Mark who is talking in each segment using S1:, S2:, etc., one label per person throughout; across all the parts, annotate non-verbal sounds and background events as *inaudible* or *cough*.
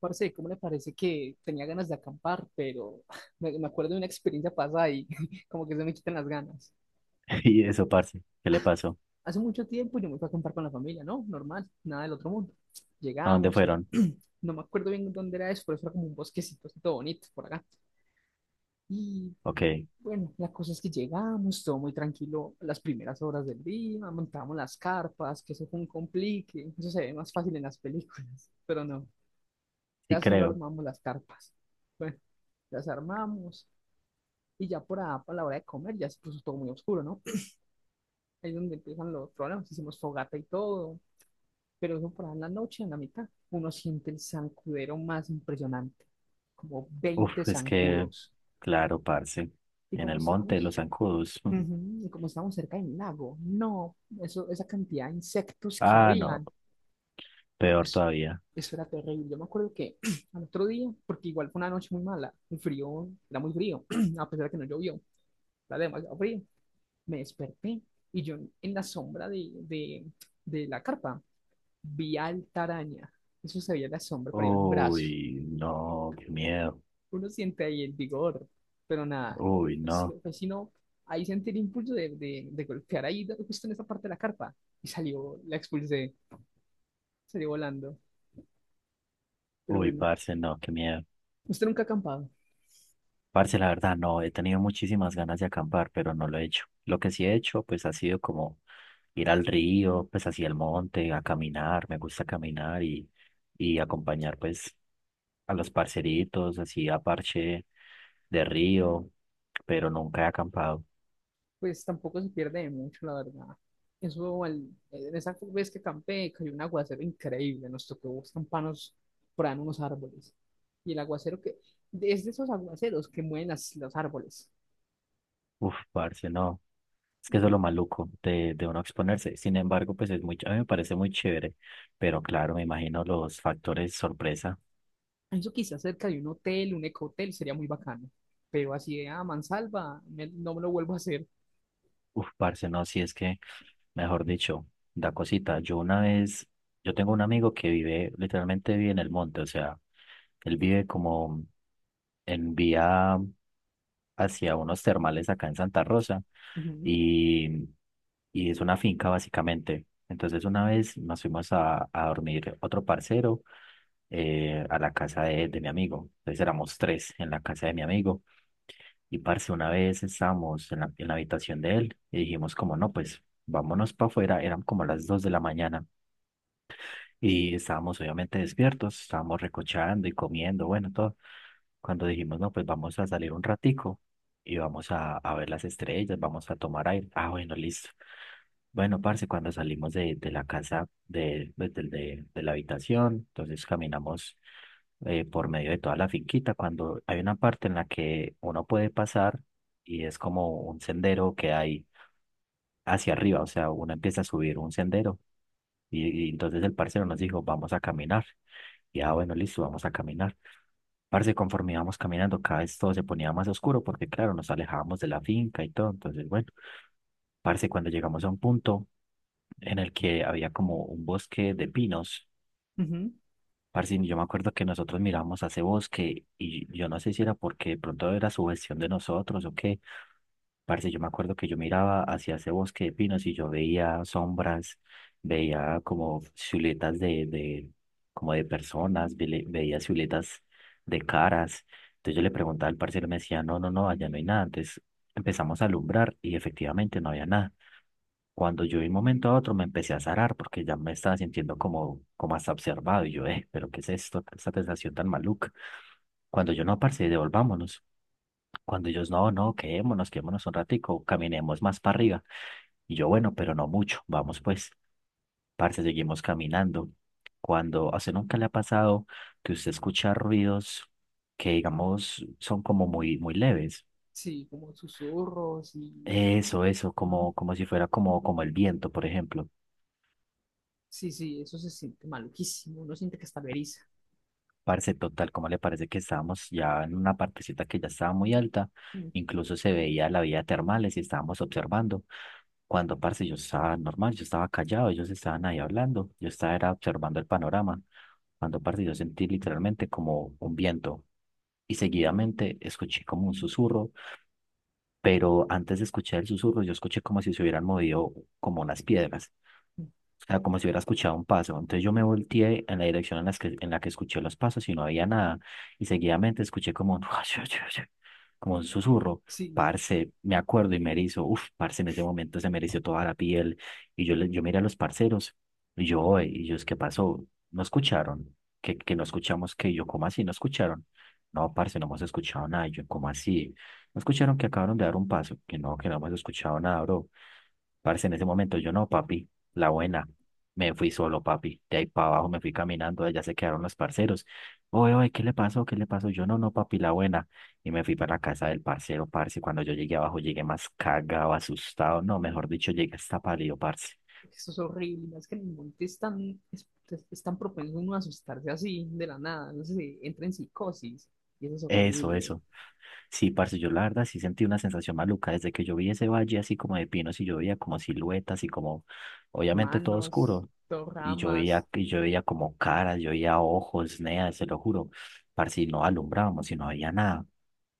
S1: Parce, ¿cómo le parece que tenía ganas de acampar, pero *laughs* me acuerdo de una experiencia pasada y *laughs* como que se me quitan las ganas?
S2: *laughs* Y eso, parce, ¿qué le pasó?
S1: Hace mucho tiempo yo me fui a acampar con la familia, ¿no? Normal, nada del otro mundo.
S2: ¿A dónde
S1: Llegamos,
S2: fueron?
S1: *clears throat* no me acuerdo bien dónde era eso, pero eso era como un bosquecito así todo bonito por acá. Y
S2: Ok,
S1: bueno, la cosa es que llegamos, todo muy tranquilo las primeras horas del día, montamos las carpas, que eso fue un complique, eso se ve más fácil en las películas, *laughs* pero no,
S2: sí
S1: casi no
S2: creo.
S1: armamos las carpas. Bueno, las armamos. Y ya por a, para la hora de comer ya se puso todo muy oscuro, ¿no? Ahí es donde empiezan los problemas, hicimos fogata y todo, pero eso por ahí en la noche, en la mitad, uno siente el zancudero más impresionante, como
S2: Uf,
S1: 20
S2: es que,
S1: zancudos.
S2: claro, parce,
S1: ¿Y
S2: en
S1: cómo
S2: el monte,
S1: estábamos?
S2: los zancudos. *laughs* mm.
S1: Ujú. Y como estábamos cerca del lago, no, eso, esa cantidad de insectos que
S2: Ah, no,
S1: habían,
S2: peor
S1: eso,
S2: todavía.
S1: eso era terrible. Yo me acuerdo que *clears throat* al otro día, porque igual fue una noche muy mala, un frío, era muy frío, *clears throat* a pesar de que no llovió, era demasiado frío. Me desperté y yo en la sombra de la carpa vi al taraña. Eso se veía en la sombra, pero iba en un brazo.
S2: Uy, no, qué miedo.
S1: Uno siente ahí el vigor, pero nada,
S2: Uy,
S1: pues, no,
S2: no.
S1: pues, si no, ahí sentí el impulso de golpear ahí justo en esa parte de la carpa y salió, la expulsé, salió volando. Pero
S2: Uy,
S1: bueno,
S2: parce, no, qué miedo.
S1: usted nunca ha acampado.
S2: Parce, la verdad, no, he tenido muchísimas ganas de acampar, pero no lo he hecho. Lo que sí he hecho, pues ha sido como ir al río, pues hacia el monte, a caminar, me gusta caminar y acompañar pues a los parceritos, así a parche de río, pero nunca he acampado.
S1: Pues tampoco se pierde de mucho, la verdad. Eso, en esa vez que campé, cayó un aguacero increíble, nos tocó campanos por ahí en unos árboles. Y el aguacero que, es de esos aguaceros que mueven las, los árboles.
S2: Uf, parce, no, es que eso es lo maluco de uno exponerse. Sin embargo, pues es muy, a mí me parece muy chévere, pero claro, me imagino los factores sorpresa.
S1: Eso quizás cerca de un hotel, un ecohotel, sería muy bacano. Pero así de a mansalva, no me lo vuelvo a hacer.
S2: Uf, parce, no, si es que, mejor dicho, da cosita. Yo una vez, yo tengo un amigo que vive, literalmente vive en el monte, o sea, él vive como en vía hacia unos termales acá en Santa Rosa
S1: Ujú,
S2: y, y es una finca básicamente. Entonces una vez nos fuimos a dormir otro parcero a la casa de mi amigo. Entonces éramos tres en la casa de mi amigo. Y parce, una vez estábamos en la habitación de él y dijimos como no, pues vámonos para afuera, eran como las 2 de la mañana y estábamos obviamente despiertos, estábamos recochando y comiendo, bueno, todo. Cuando dijimos no, pues vamos a salir un ratico y vamos a ver las estrellas, vamos a tomar aire. Ah, bueno, listo. Bueno, parce, cuando salimos de la casa, de, pues, de la habitación, entonces caminamos por medio de toda la finquita, cuando hay una parte en la que uno puede pasar y es como un sendero que hay hacia arriba, o sea, uno empieza a subir un sendero y entonces el parcero nos dijo, vamos a caminar. Y ah, bueno, listo, vamos a caminar. Parce, conforme íbamos caminando, cada vez todo se ponía más oscuro porque, claro, nos alejábamos de la finca y todo. Entonces, bueno, parce, cuando llegamos a un punto en el que había como un bosque de pinos.
S1: ujú.
S2: Parce, yo me acuerdo que nosotros mirábamos a ese bosque y yo no sé si era porque de pronto era sugestión de nosotros o qué. Parce, yo me acuerdo que yo miraba hacia ese bosque de pinos y yo veía sombras, veía como siluetas de, como de personas, veía siluetas de caras. Entonces yo le preguntaba al parcero y me decía, no, no, no, allá no hay nada. Entonces empezamos a alumbrar y efectivamente no había nada. Cuando yo de un momento a otro me empecé a zarar porque ya me estaba sintiendo como hasta observado y yo, pero ¿qué es esto? Esta sensación tan maluca. Cuando yo no, parce, devolvámonos. Cuando ellos, no, no, quedémonos, quedémonos un ratico, caminemos más para arriba. Y yo, bueno, pero no mucho, vamos pues, parce, seguimos caminando. Cuando, a usted nunca le ha pasado que usted escucha ruidos que, digamos, son como muy, muy leves.
S1: Sí, como susurros y...
S2: Eso,
S1: Ajá.
S2: como, como si fuera como el viento, por ejemplo.
S1: Sí, sí, eso se siente maluquísimo. Uno siente que está veriza.
S2: Parce, total, como le parece que estábamos ya en una partecita que ya estaba muy alta? Incluso se veía la vía termales y estábamos observando. Cuando, parce, yo estaba normal, yo estaba callado, ellos estaban ahí hablando, yo estaba era observando el panorama. Cuando, parce, yo sentí literalmente como un viento y seguidamente escuché como un susurro, pero antes de escuchar el susurro, yo escuché como si se hubieran movido como unas piedras. O sea, como si hubiera escuchado un paso. Entonces yo me volteé en la dirección en la que escuché los pasos y no había nada. Y seguidamente escuché como un, *laughs* como un susurro.
S1: Sí,
S2: Parce, me acuerdo y me erizo. Uf, parce, en ese momento se me erizó toda la piel. Y yo, yo miré a los parceros. Y yo, "Oe", y ellos, ¿qué pasó? ¿No escucharon? ¿Que no escuchamos? Que yo, ¿cómo así? ¿No escucharon? No, parce, no hemos escuchado nada. Y yo, ¿cómo así? ¿No escucharon que acabaron de dar un paso? Que no hemos escuchado nada, bro. Parce, en ese momento yo no, papi. La buena. Me fui solo, papi. De ahí para abajo me fui caminando, allá se quedaron los parceros. Oye, oye, ¿qué le pasó? ¿Qué le pasó? Yo no, no, papi, la buena. Y me fui para la casa del parcero, parce. Cuando yo llegué abajo, llegué más cagado, asustado. No, mejor dicho, llegué hasta pálido, parce.
S1: porque eso es horrible, es que en el monte es tan propenso uno a asustarse así de la nada, no sé, si entra en psicosis y eso es
S2: Eso,
S1: horrible.
S2: eso. Sí, parce, yo la verdad sí sentí una sensación maluca desde que yo vi ese valle así como de pinos y yo veía como siluetas y como, obviamente todo
S1: Manos,
S2: oscuro.
S1: dos ramas,
S2: Y yo veía como caras, yo veía ojos, nea, se lo juro. Parce, y no alumbrábamos y no había nada.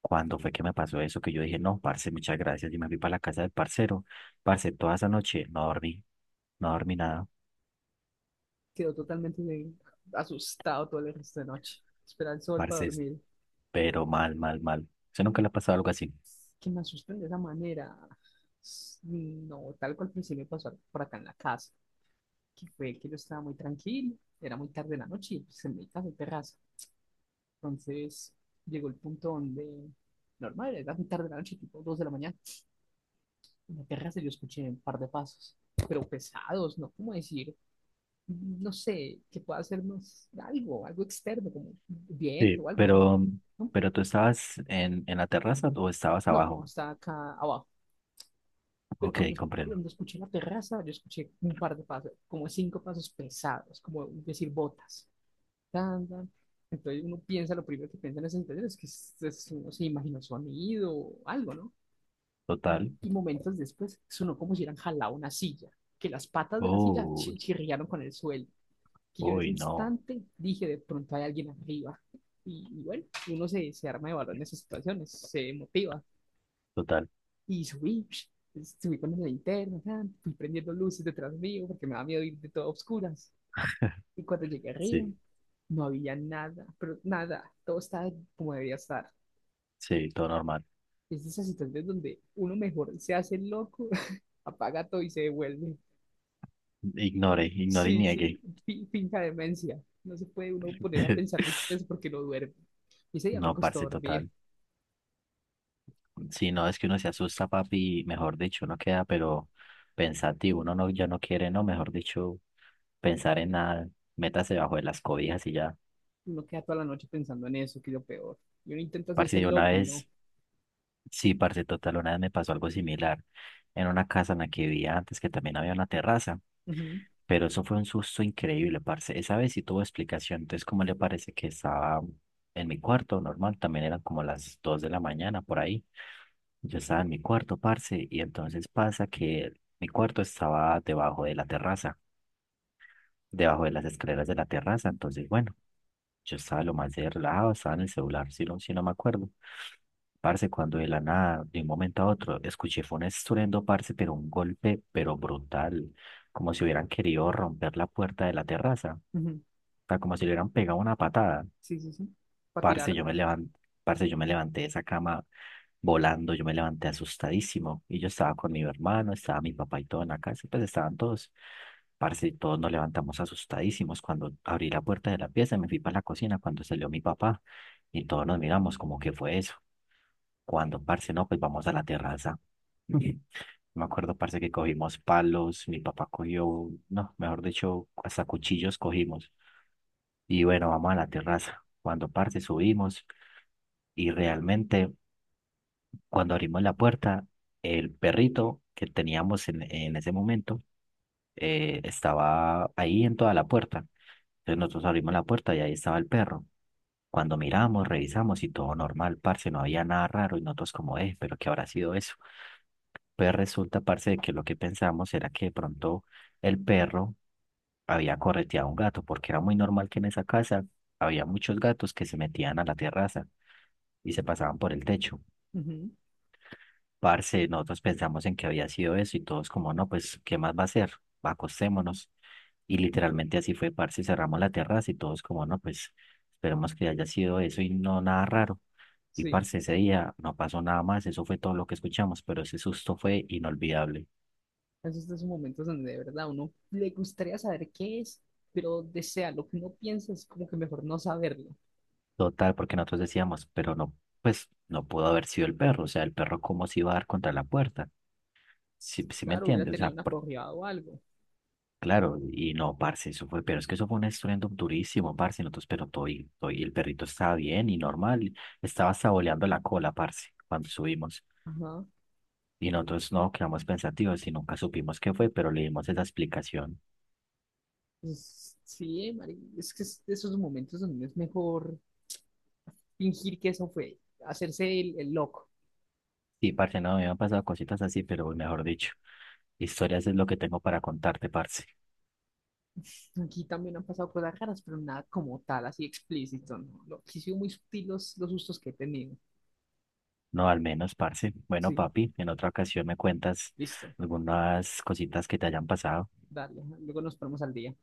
S2: Cuando fue que me pasó eso, que yo dije, no, parce, muchas gracias. Y me fui para la casa del parcero. Parce, toda esa noche no dormí, no dormí nada.
S1: quedó totalmente asustado todo el resto de noche. Espera el sol para
S2: Parce,
S1: dormir.
S2: pero mal, mal, mal. ¿Usted nunca le ha pasado algo así?
S1: Que me asusten de esa manera. No, tal cual pues sí me pasó por acá en la casa, que fue que yo estaba muy tranquilo, era muy tarde en la noche y pues en mi casa hay terraza. Entonces llegó el punto donde, normal, era muy tarde de la noche, tipo 2 de la mañana, en la terraza yo escuché un par de pasos, pero pesados, ¿no? ¿Cómo decir? No sé, que pueda hacernos algo, algo externo, como viento
S2: Sí,
S1: o algo, no, no,
S2: pero tú estabas en la terraza o estabas
S1: no, no,
S2: abajo.
S1: está acá abajo. Pero cuando,
S2: Ok, comprendo.
S1: cuando escuché la terraza, yo escuché un par de pasos, como cinco pasos pesados, como decir botas. Tan, tan. Entonces uno piensa, lo primero que piensa en esa situación es que uno se imaginó sonido o algo, ¿no?
S2: Total.
S1: Y momentos después sonó como si hubieran jalado una silla, que las patas de la silla
S2: Uy,
S1: chirriaron con el suelo. Que yo en ese
S2: uy, no.
S1: instante dije, de pronto hay alguien arriba. Y bueno, uno se arma de valor en esas situaciones, se motiva.
S2: Total.
S1: Y subí con la linterna, fui prendiendo luces detrás mío porque me da miedo ir de todo a oscuras. Y cuando llegué arriba,
S2: Sí,
S1: no había nada, pero nada, todo estaba como debía estar.
S2: sí, todo normal.
S1: Es de esas situaciones donde uno mejor se hace el loco, *laughs* apaga todo y se devuelve.
S2: Ignore, ignore y
S1: Sí,
S2: niegue.
S1: sí, finca demencia. No se puede uno poner a pensar
S2: *laughs*
S1: mucho en eso porque no duerme. Y ese día me
S2: No,
S1: costó
S2: parce,
S1: dormir.
S2: total. Sí, no, es que uno se asusta, papi, y mejor dicho, uno queda, pero pensativo, uno no, ya no quiere, no, mejor dicho, pensar en nada, métase bajo de las cobijas y ya.
S1: Uno queda toda la noche pensando en eso, que es lo peor. Y uno intenta
S2: Parce,
S1: hacerse el
S2: yo una
S1: loco y no.
S2: vez, sí, parce, total, una vez me pasó algo similar en una casa en la que vivía antes, que también había una terraza,
S1: Ujú,
S2: pero eso fue un susto increíble, parce. Esa vez sí tuvo explicación, entonces, ¿cómo le parece que estaba en mi cuarto, normal, también eran como las dos de la mañana, por ahí? Yo estaba en mi cuarto, parce, y entonces pasa que mi cuarto estaba debajo de la terraza, debajo de las escaleras de la terraza. Entonces, bueno, yo estaba lo más de relajado, estaba en el celular, si no me acuerdo. Parce, cuando de la nada, de un momento a otro, escuché fue un estruendo, parce, pero un golpe, pero brutal, como si hubieran querido romper la puerta de la terraza, o
S1: ujú.
S2: sea, como si le hubieran pegado una patada.
S1: Sí, sí, sí. Para
S2: Parce, yo
S1: tirarla.
S2: me levanté, parce, yo me levanté de esa cama volando. Yo me levanté asustadísimo y yo estaba con mi hermano, estaba mi papá y todo en la casa, y pues estaban todos. Parce, y todos nos levantamos asustadísimos. Cuando abrí la puerta de la pieza, me fui para la cocina cuando salió mi papá y todos nos miramos como que fue eso. Cuando, parce, no, pues vamos a la terraza. Ujú. *laughs* Me acuerdo, parce, que cogimos palos, mi papá cogió, no, mejor dicho, hasta cuchillos cogimos. Y bueno, vamos a la terraza. Cuando, parce, subimos y realmente cuando abrimos la puerta, el perrito que teníamos en ese momento estaba ahí en toda la puerta. Entonces nosotros abrimos la puerta y ahí estaba el perro. Cuando miramos, revisamos y todo normal, parce, no había nada raro y nosotros como, pero ¿qué habrá sido eso? Pues resulta, parce, de que lo que pensamos era que de pronto el perro había correteado a un gato, porque era muy normal que en esa casa había muchos gatos que se metían a la terraza y se pasaban por el techo.
S1: Ujú.
S2: Parce, nosotros pensamos en que había sido eso y todos como, no, pues, ¿qué más va a ser? Acostémonos. Y literalmente así fue, parce, cerramos la terraza y todos como, no, pues, esperemos que haya sido eso y no nada raro. Y
S1: Sí.
S2: parce, ese día no pasó nada más, eso fue todo lo que escuchamos, pero ese susto fue inolvidable.
S1: Esos son esos momentos donde de verdad uno le gustaría saber qué es, pero desea lo que uno piensa es como que mejor no saberlo.
S2: Total, porque nosotros decíamos, pero no, pues, no pudo haber sido el perro, o sea, el perro cómo se iba a dar contra la puerta. ¿Si me
S1: Claro, hubiera
S2: entiendes? O
S1: tenido
S2: sea,
S1: una corrida o algo.
S2: claro, y no, parce, eso fue, pero es que eso fue un estruendo durísimo, parce, nosotros, pero todo y, todo y el perrito estaba bien y normal, y estaba saboleando la cola, parce, cuando subimos,
S1: Ajá.
S2: y nosotros no quedamos pensativos y nunca supimos qué fue, pero le dimos esa explicación.
S1: Pues, sí, Mari, es que es de esos momentos donde es mejor fingir que eso fue, hacerse el loco.
S2: Sí, parce, no, me han pasado cositas así, pero mejor dicho, historias es lo que tengo para contarte, parce.
S1: Aquí también han pasado cosas raras, pero nada como tal, así explícito, ¿no? Lo, sí, sido muy sutil los sustos que he tenido.
S2: No, al menos, parce. Bueno,
S1: Sí,
S2: papi, en otra ocasión me cuentas
S1: listo,
S2: algunas cositas que te hayan pasado.
S1: dale. Luego nos ponemos al día.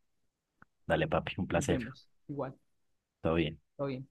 S2: Dale, papi, un
S1: Nos
S2: placer.
S1: vemos. Igual,
S2: Todo bien.
S1: todo bien.